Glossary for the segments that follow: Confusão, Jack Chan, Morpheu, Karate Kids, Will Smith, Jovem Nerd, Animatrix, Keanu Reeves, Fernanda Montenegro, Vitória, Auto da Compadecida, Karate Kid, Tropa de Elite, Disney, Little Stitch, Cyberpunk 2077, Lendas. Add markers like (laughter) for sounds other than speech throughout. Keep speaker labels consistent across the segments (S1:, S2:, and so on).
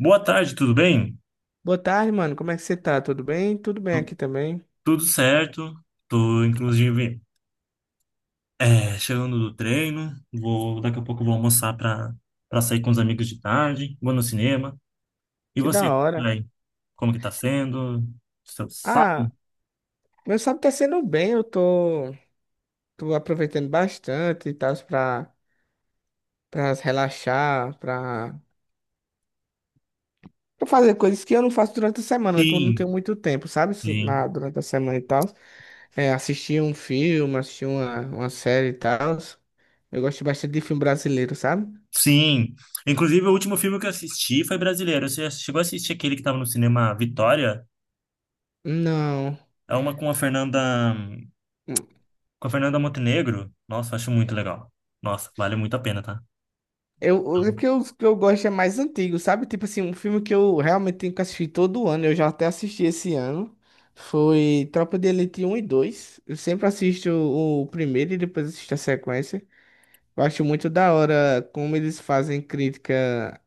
S1: Boa tarde, tudo bem?
S2: Boa tarde, mano. Como é que você tá? Tudo bem? Tudo bem
S1: Tu-
S2: aqui também.
S1: Tudo certo. Tô, inclusive, chegando do treino. Vou, daqui a pouco eu vou almoçar para sair com os amigos de tarde. Vou no cinema. E
S2: Que da
S1: você,
S2: hora.
S1: aí, como que tá sendo? Seu sábado?
S2: Ah, Meu sábado tá sendo bem. Tô aproveitando bastante e tal pra relaxar, pra fazer coisas que eu não faço durante a semana, que eu não tenho
S1: Sim,
S2: muito tempo, sabe? Isso
S1: sim.
S2: Na, durante a semana e tal. É, assistir um filme, assistir uma série e tal. Eu gosto bastante de filme brasileiro, sabe?
S1: Sim. Inclusive, o último filme que eu assisti foi brasileiro. Você já chegou a assistir aquele que tava no cinema Vitória?
S2: Não.
S1: É uma com a Fernanda Montenegro. Nossa, acho muito legal. Nossa, vale muito a pena, tá?
S2: Eu, Porque os que eu gosto é mais antigo, sabe? Tipo assim, um filme que eu realmente tenho que assistir todo ano, eu já até assisti esse ano, foi Tropa de Elite um e dois. Eu sempre assisto o primeiro e depois assisto a sequência. Eu acho muito da hora como eles fazem crítica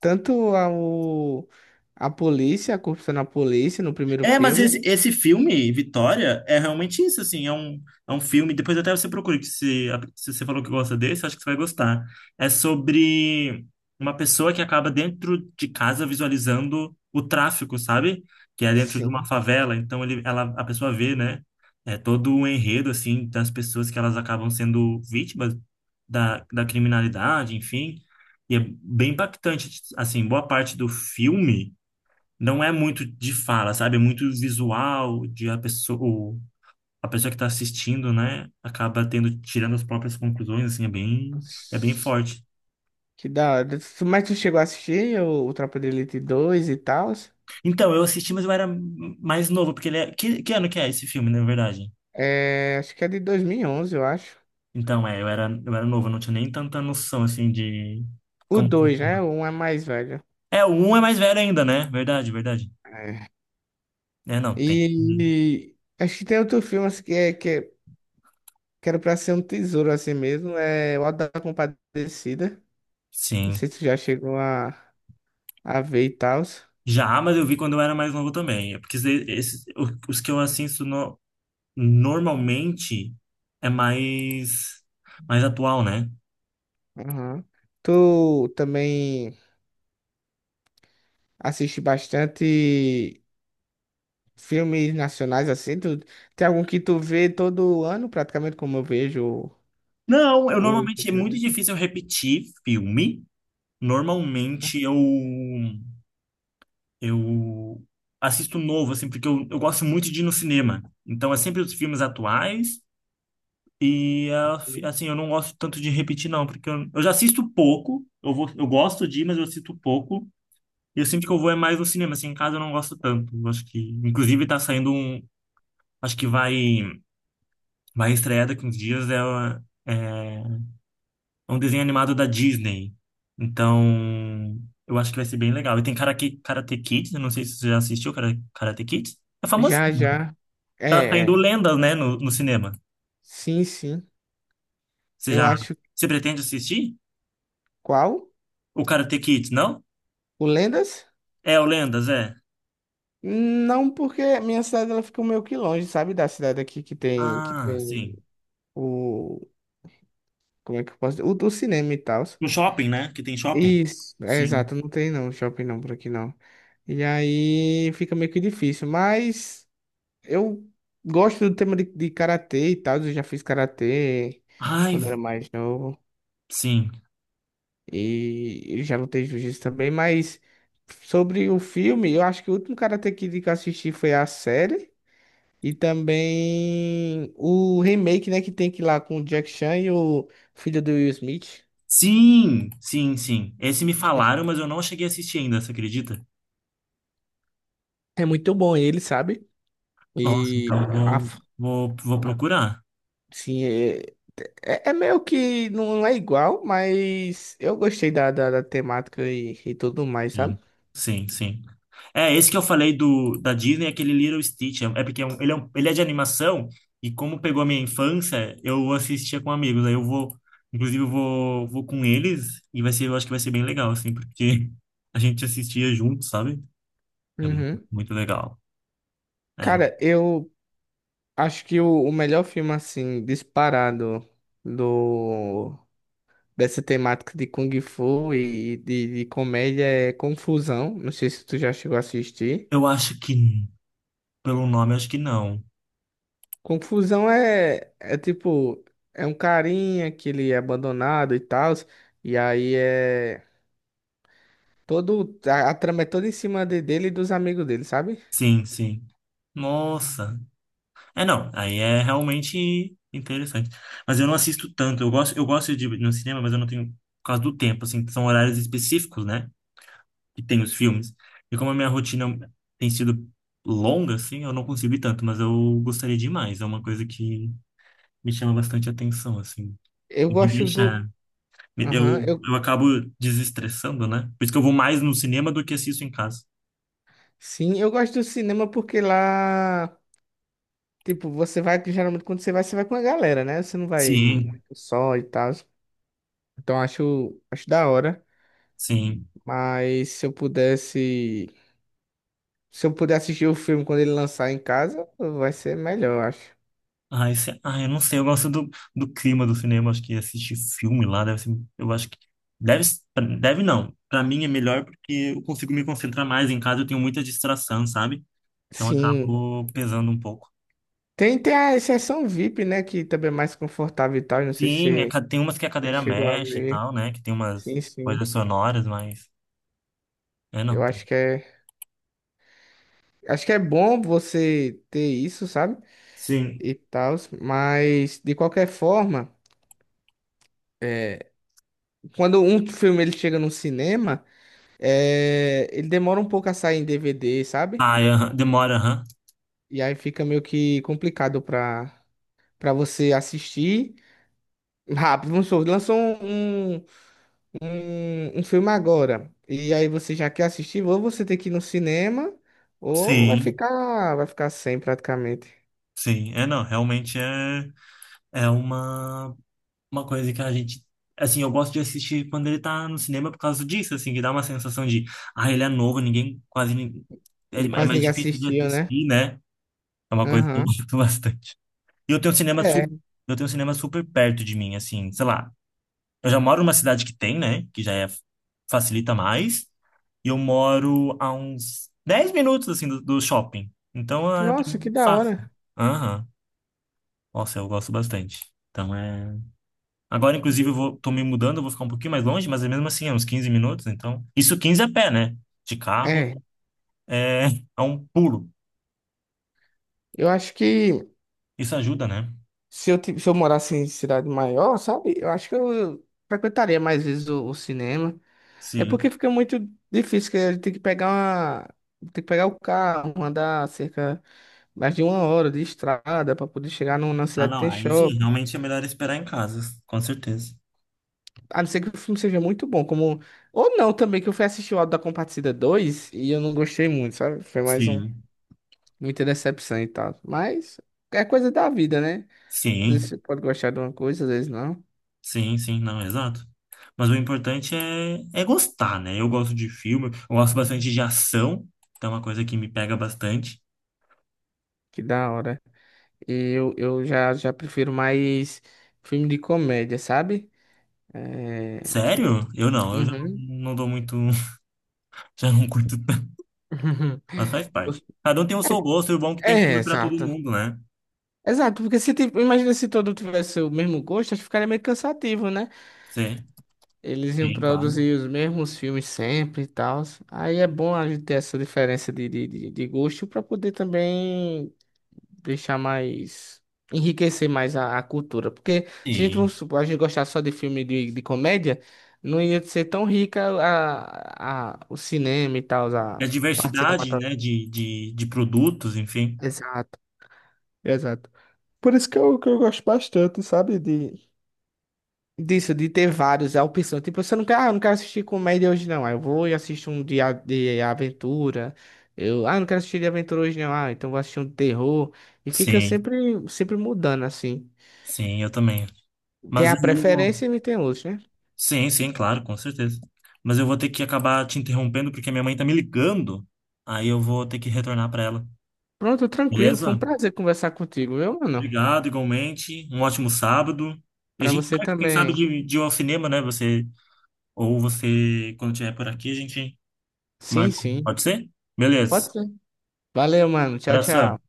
S2: tanto à polícia, à corrupção na polícia, no primeiro
S1: É, mas
S2: filme.
S1: esse filme, Vitória, é realmente isso, assim, é um filme, depois até você procura, que se você falou que gosta desse, acho que você vai gostar. É sobre uma pessoa que acaba dentro de casa visualizando o tráfico, sabe? Que é dentro de uma
S2: Sim.
S1: favela, então ela, a pessoa vê, né? É todo o enredo, assim, das pessoas que elas acabam sendo vítimas da criminalidade, enfim. E é bem impactante, assim, boa parte do filme não é muito de fala, sabe? É muito visual de a pessoa que está assistindo, né? Acaba tendo, tirando as próprias conclusões, assim, é bem forte.
S2: Que da hora. Mas tu chegou a assistir o Tropa de Elite dois e tal?
S1: Então, eu assisti, mas eu era mais novo, porque ele é... Que ano que é esse filme, na verdade?
S2: É, acho que é de dois mil e onze, eu acho.
S1: Então, é, eu era novo, eu não tinha nem tanta noção, assim, de...
S2: O
S1: Como...
S2: dois, né? O um é mais velho.
S1: É, o um é mais velho ainda, né? Verdade, verdade.
S2: É.
S1: É, não, tem que...
S2: E acho que tem outro filme assim, que era pra ser um tesouro assim mesmo. É O Auto da Compadecida. Não
S1: Sim.
S2: sei se tu já chegou a ver e tal.
S1: Já, mas eu vi quando eu era mais novo também. É porque os que eu assisto normalmente é mais atual, né?
S2: Aham. Tu também assiste bastante filmes nacionais assim? Tu, tem algum que tu vê todo ano, praticamente, como eu vejo
S1: Não, eu
S2: o.
S1: normalmente é muito
S2: o-
S1: difícil eu repetir filme. Normalmente eu assisto novo, assim, porque eu gosto muito de ir no cinema. Então é sempre os filmes atuais e assim, eu não gosto tanto de repetir não, porque eu já assisto pouco. Eu vou, eu gosto de ir, mas eu assisto pouco. E eu sinto que eu vou é mais no cinema, assim, em casa eu não gosto tanto. Eu acho que inclusive tá saindo um, acho que vai estrear daqui uns dias, é um desenho animado da Disney. Então, eu acho que vai ser bem legal. E tem Karate Kids, eu não sei se você já assistiu Karate Kids. É famosinho.
S2: Já, já. É,
S1: Tá saindo
S2: é.
S1: lendas, né, no cinema.
S2: Sim, sim.
S1: Você
S2: Eu
S1: já,
S2: acho.
S1: você pretende assistir?
S2: Qual?
S1: O Karate Kids, não?
S2: O Lendas?
S1: É, o Lendas, é.
S2: Não, porque minha cidade ela fica meio que longe, sabe? Da cidade aqui que
S1: Ah,
S2: tem
S1: sim.
S2: o. Como é que eu posso dizer? O do cinema e tal.
S1: No shopping, né? Que tem shopping.
S2: Isso, é
S1: Sim.
S2: exato, não tem não, shopping não por aqui não. E aí fica meio que difícil, mas eu gosto do tema de karatê e tal. Eu já fiz karatê
S1: Ai,
S2: quando era mais novo
S1: sim.
S2: e eu já lutei jiu-jitsu também. Mas sobre o filme, eu acho que o último Karate Kid que eu assisti foi a série. E também o remake, né, que tem que ir lá com o Jack Chan e o filho do Will Smith.
S1: Sim, sim, sim. Esse me falaram, mas eu não cheguei a assistir ainda, você acredita?
S2: É muito bom ele, sabe?
S1: Nossa, então
S2: E a,
S1: eu
S2: f-
S1: vou procurar.
S2: sim, é, é é meio que não é igual, mas eu gostei da temática e tudo mais,
S1: Sim,
S2: sabe?
S1: sim, sim. É, esse que eu falei do da Disney, é aquele Little Stitch. É porque é um- ele é de animação e como pegou a minha infância, eu assistia com amigos. Aí eu vou, inclusive eu vou com eles e vai ser, eu acho que vai ser bem legal, assim, porque a gente assistia junto, sabe? É muito,
S2: Uhum.
S1: muito legal. É.
S2: Cara, eu acho que o melhor filme, assim, disparado do, dessa temática de Kung Fu e de comédia é Confusão. Não sei se tu já chegou a assistir.
S1: Eu acho que, pelo nome, eu acho que não.
S2: Confusão é, é tipo, é um carinha que ele é abandonado e tal, e aí é todo, a trama é toda em cima dele e dos amigos dele, sabe?
S1: Sim, sim. Nossa. É, não, aí é realmente interessante. Mas eu não assisto tanto. Eu gosto de ir no cinema, mas eu não tenho por causa do tempo, assim, são horários específicos, né? Que tem os filmes. E como a minha rotina tem sido longa, assim, eu não consigo ir tanto, mas eu gostaria demais. É uma coisa que me chama bastante atenção, assim.
S2: Eu
S1: E me
S2: gosto do,
S1: deixa.
S2: aham,
S1: Eu
S2: eu,
S1: acabo desestressando, né? Por isso que eu vou mais no cinema do que assisto em casa.
S2: Sim, eu gosto do cinema porque lá, tipo, você vai, geralmente quando você vai com a galera, né? Você não vai muito
S1: Sim,
S2: só e tal, então acho da hora,
S1: sim.
S2: mas se eu puder assistir o filme quando ele lançar em casa, vai ser melhor, eu acho.
S1: Ai, eu não sei, eu gosto do clima do cinema, acho que assistir filme lá deve ser, eu acho que deve, deve não. Pra mim é melhor porque eu consigo me concentrar mais em casa, eu tenho muita distração, sabe? Então
S2: Sim.
S1: acabo pesando um pouco.
S2: Tem a exceção VIP, né? Que também é mais confortável e tal. Não sei se
S1: Sim,
S2: você
S1: tem umas que a
S2: já
S1: cadeira
S2: chegou a
S1: mexe e
S2: ver.
S1: tal, né? Que tem umas
S2: Sim, sim.
S1: coisas sonoras, mas é
S2: Eu
S1: não.
S2: acho que é. Acho que é bom você ter isso, sabe?
S1: Sim.
S2: E tal. Mas, de qualquer forma, é, quando um filme ele chega no cinema, é, ele demora um pouco a sair em DVD, sabe?
S1: Ai, aham, demora, aham.
S2: E aí fica meio que complicado pra você assistir rápido. Vamos supor, lançou um, um filme agora. E aí você já quer assistir, ou você tem que ir no cinema, ou
S1: Sim,
S2: vai ficar sem praticamente.
S1: sim. É não, realmente é uma coisa que a gente. Assim, eu gosto de assistir quando ele tá no cinema por causa disso, assim, que dá uma sensação de, ah, ele é novo, ninguém, quase ninguém. É, é
S2: Quase
S1: mais
S2: ninguém
S1: difícil de
S2: assistiu, né?
S1: assistir, né? É uma coisa que eu (laughs)
S2: Aham.
S1: gosto bastante. E eu tenho
S2: É.
S1: eu tenho cinema super perto de mim, assim, sei lá. Eu já moro numa cidade que tem, né? Que já é, facilita mais. E eu moro a uns 10 minutos, assim, do shopping. Então, é pra
S2: Nossa,
S1: mim,
S2: que
S1: é
S2: da
S1: fácil.
S2: hora.
S1: Aham. Nossa, eu gosto bastante. Então, é. Agora, inclusive, tô me mudando, eu vou ficar um pouquinho mais longe, mas é mesmo assim, é uns 15 minutos, então. Isso 15 a pé, né? De carro
S2: É.
S1: é, é um pulo.
S2: Eu acho que
S1: Isso ajuda, né?
S2: se eu morasse em cidade maior, sabe? Eu acho que eu frequentaria mais vezes o cinema. É porque
S1: Sim.
S2: fica muito difícil, que a gente tem que pegar uma. Tem que pegar o carro, andar cerca mais de uma hora de estrada para poder chegar no, na
S1: Ah,
S2: cidade que
S1: não,
S2: tem
S1: aí sim,
S2: shopping.
S1: realmente é melhor esperar em casa, com certeza.
S2: A não ser que o filme seja muito bom, como. Ou não também, que eu fui assistir o Auto da Compadecida 2 e eu não gostei muito, sabe? Foi mais um.
S1: Sim.
S2: Muita decepção e tal. Mas é coisa da vida, né? Às
S1: Sim,
S2: vezes você pode gostar de uma coisa, às vezes não.
S1: sim, sim, não, exato. Mas o importante é gostar, né? Eu gosto de filme, eu gosto bastante de ação, então é uma coisa que me pega bastante.
S2: Que da hora. E já prefiro mais filme de comédia, sabe? É.
S1: Sério? Eu já não,
S2: Uhum.
S1: não dou muito, (laughs) já não curto. Mas faz parte.
S2: (laughs)
S1: Cada um tem o seu gosto, e o bom é que tem
S2: É,
S1: filme para todo
S2: exato.
S1: mundo, né?
S2: Exato, porque se, tipo, imagina se todo tivesse o mesmo gosto, acho que ficaria meio cansativo, né?
S1: Sim,
S2: Eles iam
S1: sim, claro.
S2: produzir os mesmos filmes sempre e tal. Aí é bom a gente ter essa diferença de gosto para poder também deixar mais. Enriquecer mais a cultura. Porque se a gente, vamos
S1: Sim.
S2: supor, a gente gostar só de filme de comédia, não ia ser tão rica o cinema e tal,
S1: E a
S2: a parte
S1: diversidade, né,
S2: cinematográfica.
S1: de produtos, enfim.
S2: Exato, exato. Por isso que eu gosto bastante, sabe? De, disso, de ter vários, é a opção. Tipo, você não quer, ah, eu não quero assistir comédia hoje, não. Aí eu vou e assisto um de aventura. Eu, ah, não quero assistir de aventura hoje, não. Ah, então vou assistir um de terror. E fica
S1: Sim,
S2: sempre, sempre mudando, assim.
S1: sim, eu também.
S2: Tem
S1: Mas
S2: a
S1: eu
S2: preferência
S1: vou...
S2: e tem outros, né?
S1: Sim, sim, claro, com certeza. Mas eu vou ter que acabar te interrompendo porque a minha mãe tá me ligando. Aí eu vou ter que retornar para ela.
S2: Pronto, tranquilo. Foi um
S1: Beleza?
S2: prazer conversar contigo, viu, mano?
S1: Obrigado, igualmente. Um ótimo sábado. E a
S2: Pra
S1: gente
S2: você
S1: marca, quem sabe,
S2: também.
S1: de ir ao cinema, né? Você, ou você, quando estiver por aqui, a gente
S2: Sim,
S1: Marco,
S2: sim.
S1: pode ser? Beleza.
S2: Pode ser. Valeu, mano. Tchau,
S1: Abração.
S2: tchau.